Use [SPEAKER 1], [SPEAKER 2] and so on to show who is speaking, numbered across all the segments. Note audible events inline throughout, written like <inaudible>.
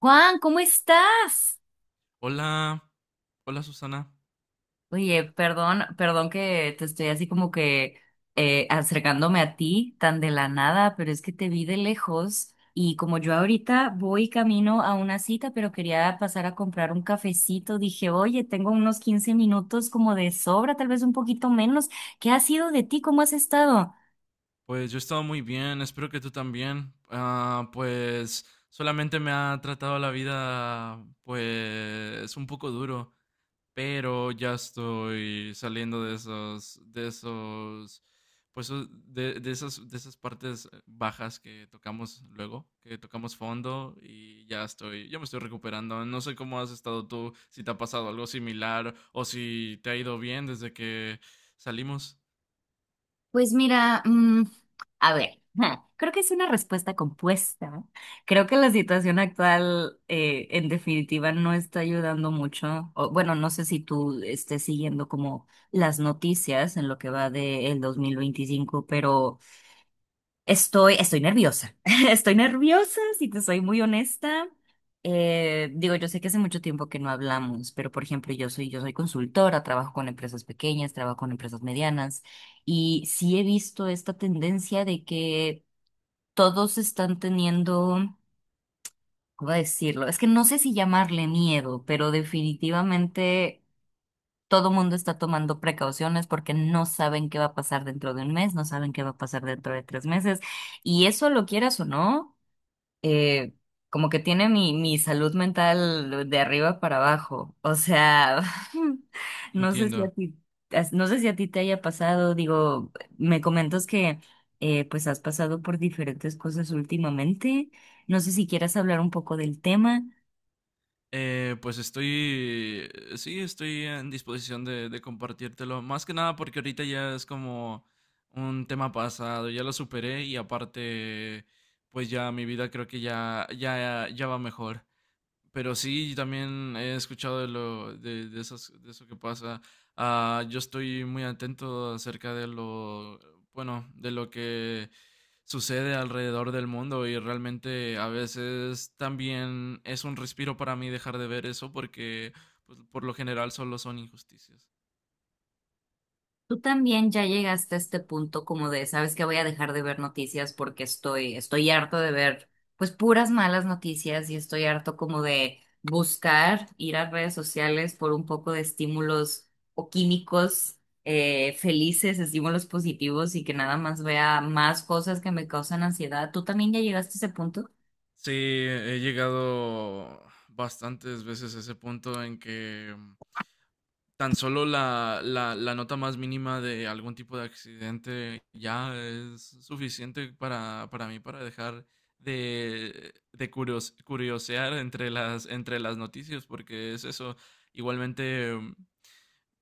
[SPEAKER 1] Juan, ¿cómo estás?
[SPEAKER 2] Hola, hola Susana.
[SPEAKER 1] Oye, perdón, perdón que te estoy así como que acercándome a ti tan de la nada, pero es que te vi de lejos y como yo ahorita voy camino a una cita, pero quería pasar a comprar un cafecito, dije, oye, tengo unos 15 minutos como de sobra, tal vez un poquito menos. ¿Qué ha sido de ti? ¿Cómo has estado?
[SPEAKER 2] Pues yo he estado muy bien, espero que tú también. Pues solamente me ha tratado la vida pues un poco duro, pero ya estoy saliendo de esos, pues o- de esas partes bajas que tocamos luego, que tocamos fondo y ya estoy, ya me estoy recuperando. No sé cómo has estado tú, si te ha pasado algo similar o si te ha ido bien desde que salimos.
[SPEAKER 1] Pues mira, a ver, <laughs> creo que es una respuesta compuesta, ¿no? Creo que la situación actual, en definitiva, no está ayudando mucho. O, bueno, no sé si tú estés siguiendo como las noticias en lo que va del 2025, pero estoy nerviosa. <laughs> Estoy nerviosa, si te soy muy honesta. Digo, yo sé que hace mucho tiempo que no hablamos, pero por ejemplo, yo soy consultora, trabajo con empresas pequeñas, trabajo con empresas medianas, y sí he visto esta tendencia de que todos están teniendo, ¿cómo decirlo? Es que no sé si llamarle miedo, pero definitivamente todo mundo está tomando precauciones porque no saben qué va a pasar dentro de un mes, no saben qué va a pasar dentro de 3 meses. Y eso lo quieras o no, eh, como que tiene mi salud mental de arriba para abajo. O sea, <laughs> no sé si a
[SPEAKER 2] Entiendo.
[SPEAKER 1] ti, no sé si a ti te haya pasado, digo, me comentas que pues has pasado por diferentes cosas últimamente. No sé si quieras hablar un poco del tema.
[SPEAKER 2] Eh, pues estoy, sí, estoy en disposición de compartírtelo. Más que nada porque ahorita ya es como un tema pasado, ya lo superé y aparte, pues ya mi vida creo que ya va mejor. Pero sí, también he escuchado de esas- de eso que pasa. Yo estoy muy atento acerca de lo, bueno, de lo que sucede alrededor del mundo y realmente a veces también es un respiro para mí dejar de ver eso porque pues, por lo general solo son injusticias.
[SPEAKER 1] Tú también ya llegaste a este punto como de, sabes que voy a dejar de ver noticias porque estoy harto de ver pues puras malas noticias y estoy harto como de buscar ir a redes sociales por un poco de estímulos o químicos felices, estímulos positivos y que nada más vea más cosas que me causan ansiedad. ¿Tú también ya llegaste a ese punto?
[SPEAKER 2] Sí, he llegado bastantes veces a ese punto en que tan solo la nota más mínima de algún tipo de accidente ya es suficiente para mí para dejar de curios- curiosear entre entre las noticias porque es eso. Igualmente,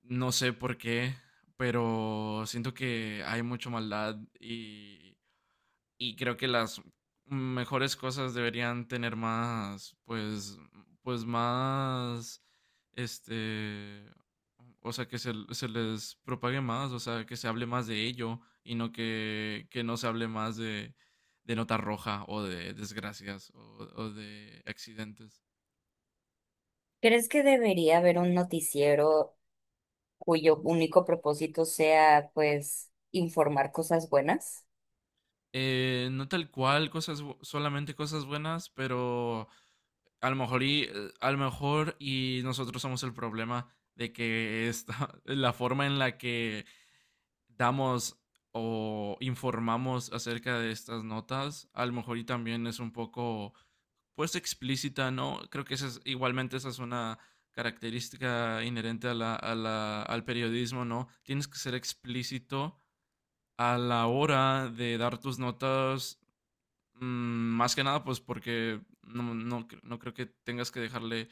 [SPEAKER 2] no sé por qué, pero siento que hay mucha maldad y creo que las mejores cosas deberían tener más, pues, pues más, este, o sea, se les propague más, o sea, que se hable más de ello y no que, que no se hable más de nota roja o de desgracias o de accidentes.
[SPEAKER 1] ¿Crees que debería haber un noticiero cuyo único propósito sea, pues, informar cosas buenas?
[SPEAKER 2] No tal cual, cosas, bu- solamente cosas buenas, pero a lo mejor y, a lo mejor y nosotros somos el problema de que esta, <laughs> la forma en la que damos o informamos acerca de estas notas, a lo mejor y también es un poco, pues, explícita, ¿no? Creo que esa es, igualmente esa es una característica inherente a la- al periodismo, ¿no? Tienes que ser explícito a la hora de dar tus notas. Más que nada, pues porque no, no, cre- no creo que tengas que dejarle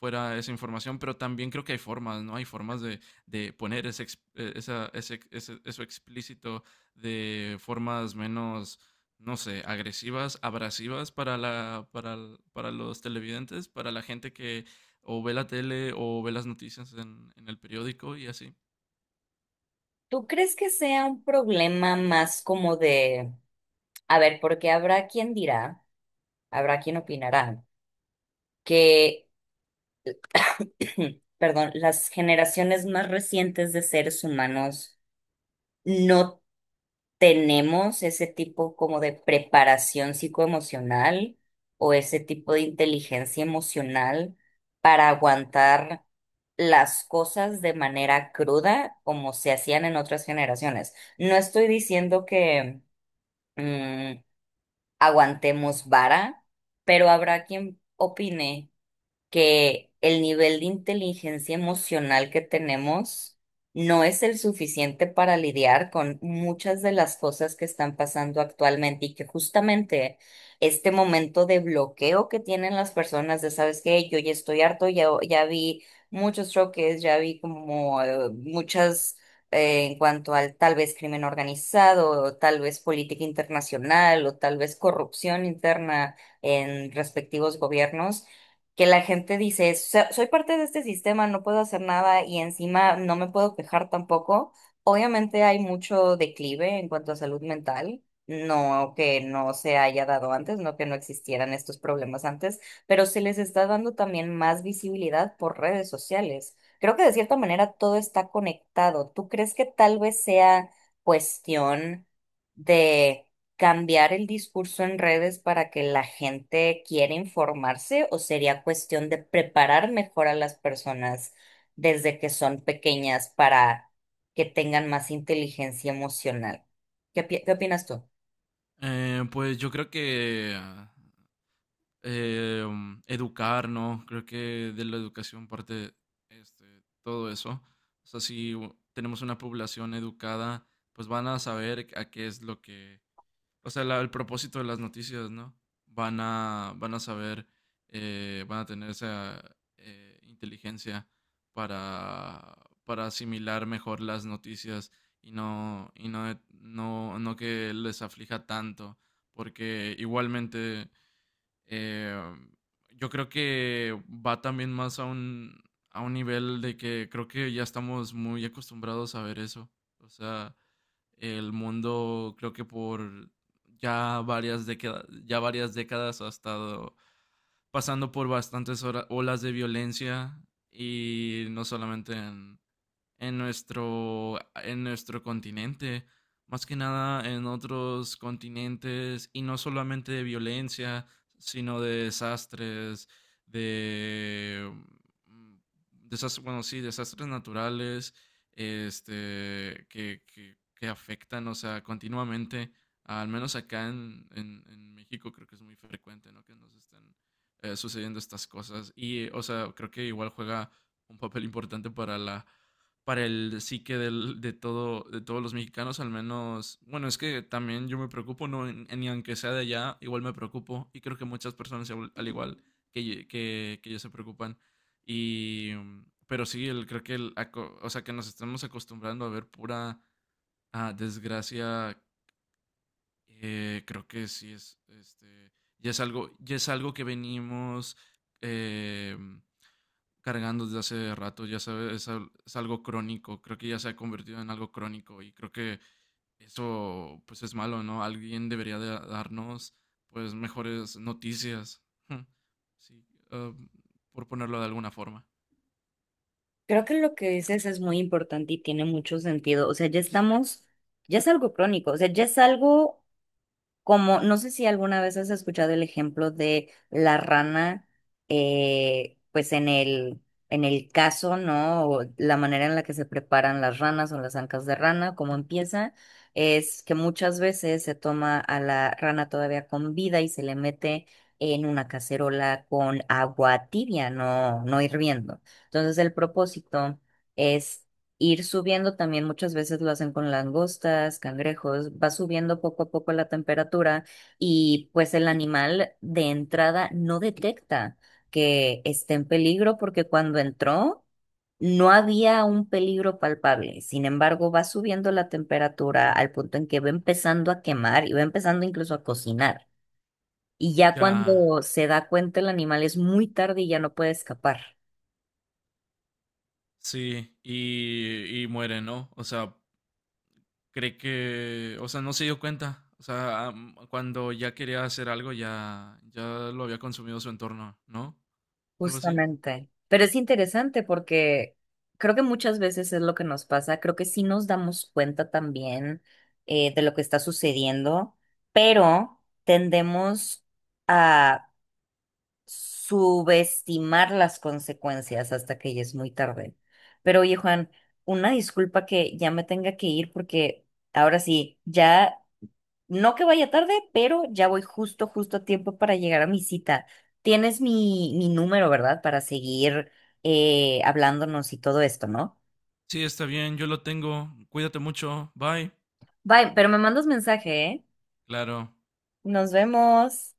[SPEAKER 2] fuera esa información, pero también creo que hay formas, ¿no? Hay formas de poner ese, ex- esa, eso explícito de formas menos, no sé, agresivas, abrasivas para la, para, l- para los televidentes, para la gente que o ve la tele o ve las noticias en el periódico y así.
[SPEAKER 1] ¿Tú crees que sea un problema más como de, a ver, porque habrá quien dirá, habrá quien opinará, que, <clears throat> perdón, las generaciones más recientes de seres humanos no tenemos ese tipo como de preparación psicoemocional o ese tipo de inteligencia emocional para aguantar las cosas de manera cruda como se hacían en otras generaciones? No estoy diciendo que mm, aguantemos vara, pero habrá quien opine que el nivel de inteligencia emocional que tenemos no es el suficiente para lidiar con muchas de las cosas que están pasando actualmente y que justamente este momento de bloqueo que tienen las personas de, ¿sabes qué? Yo ya estoy harto, ya vi muchos choques, ya vi como muchas... en cuanto al tal vez crimen organizado, o tal vez política internacional, o tal vez corrupción interna en respectivos gobiernos, que la gente dice, "So- soy parte de este sistema, no puedo hacer nada y encima no me puedo quejar tampoco. Obviamente hay mucho declive en cuanto a salud mental, no que no se haya dado antes, no que no existieran estos problemas antes, pero se les está dando también más visibilidad por redes sociales. Creo que de cierta manera todo está conectado. ¿Tú crees que tal vez sea cuestión de cambiar el discurso en redes para que la gente quiera informarse o sería cuestión de preparar mejor a las personas desde que son pequeñas para que tengan más inteligencia emocional? Qué opinas tú?
[SPEAKER 2] Pues yo creo que educar, ¿no? Creo que de la educación parte todo eso. O sea, si u- tenemos una población educada, pues van a saber a qué es lo que, o sea, la- el propósito de las noticias, ¿no? Van a saber, van a tener esa inteligencia para, para asimilar mejor las noticias no que les aflija tanto, porque igualmente eh, yo creo que va también más a un nivel de que creo que ya estamos muy acostumbrados a ver eso. O sea, el mundo creo que por ya varias décadas ha estado pasando por bastantes hora- olas de violencia y no solamente en nuestro continente, más que nada en otros continentes, y no solamente de violencia, sino de desastres, bueno, sí, desastres naturales, que afectan, o sea, continuamente, al menos acá en México creo que es muy frecuente, ¿no? Que nos están sucediendo estas cosas. Y, o sea, creo que igual juega un papel importante para la para el psique del, de todo, de todos los mexicanos, al menos, bueno, es que también yo me preocupo, no, en- ni aunque sea de allá, igual me preocupo y creo que muchas personas igual- al igual que, ye- que yo se preocupan. Pero sí, el, creo que, el, aco- o sea, que nos estamos acostumbrando a ver pura desgracia, creo que sí es, ya es algo que venimos, eh, cargando desde hace rato, ya sabes, es, al- es algo crónico, creo que ya se ha convertido en algo crónico y creo que eso pues es malo, ¿no? Alguien debería de darnos pues mejores noticias, <laughs> sí, ah, por ponerlo de alguna forma.
[SPEAKER 1] Creo que lo que dices es muy importante y tiene mucho sentido. O sea, ya estamos, ya es algo crónico, o sea, ya es algo. Como, no sé si alguna vez has escuchado el ejemplo de la rana, pues en el caso, ¿no? O la manera en la que se preparan las ranas o las ancas de rana, cómo empieza, es que muchas veces se toma a la rana todavía con vida y se le mete en una cacerola con agua tibia, no, no hirviendo. Entonces el propósito ir subiendo también muchas veces lo hacen con langostas, cangrejos, va subiendo poco a poco la temperatura y pues el animal de entrada no detecta que esté en peligro porque cuando entró no había un peligro palpable. Sin embargo, va subiendo la temperatura al punto en que va empezando a quemar y va empezando incluso a cocinar. Y ya
[SPEAKER 2] Ya,
[SPEAKER 1] cuando se da cuenta el animal es muy tarde y ya no puede escapar.
[SPEAKER 2] sí, y muere, ¿no? O sea, cree que, o sea, no se dio cuenta, o sea, am- cuando ya quería hacer algo ya, ya lo había consumido su entorno, ¿no? Algo así.
[SPEAKER 1] Justamente. Pero es interesante porque creo que muchas veces es lo que nos pasa. Creo que sí nos damos cuenta también de lo que está sucediendo, pero tendemos a subestimar las consecuencias hasta que ya es muy tarde. Pero oye, Juan, una disculpa que ya me tenga que ir porque ahora sí, ya no que vaya tarde, pero ya voy justo, justo a tiempo para llegar a mi cita. Tienes mi número, ¿verdad? Para seguir hablándonos y todo esto, ¿no?
[SPEAKER 2] Sí, está bien, yo lo tengo. Cuídate mucho. Bye.
[SPEAKER 1] Bye, pero me mandas mensaje, ¿eh?
[SPEAKER 2] Claro.
[SPEAKER 1] Nos vemos.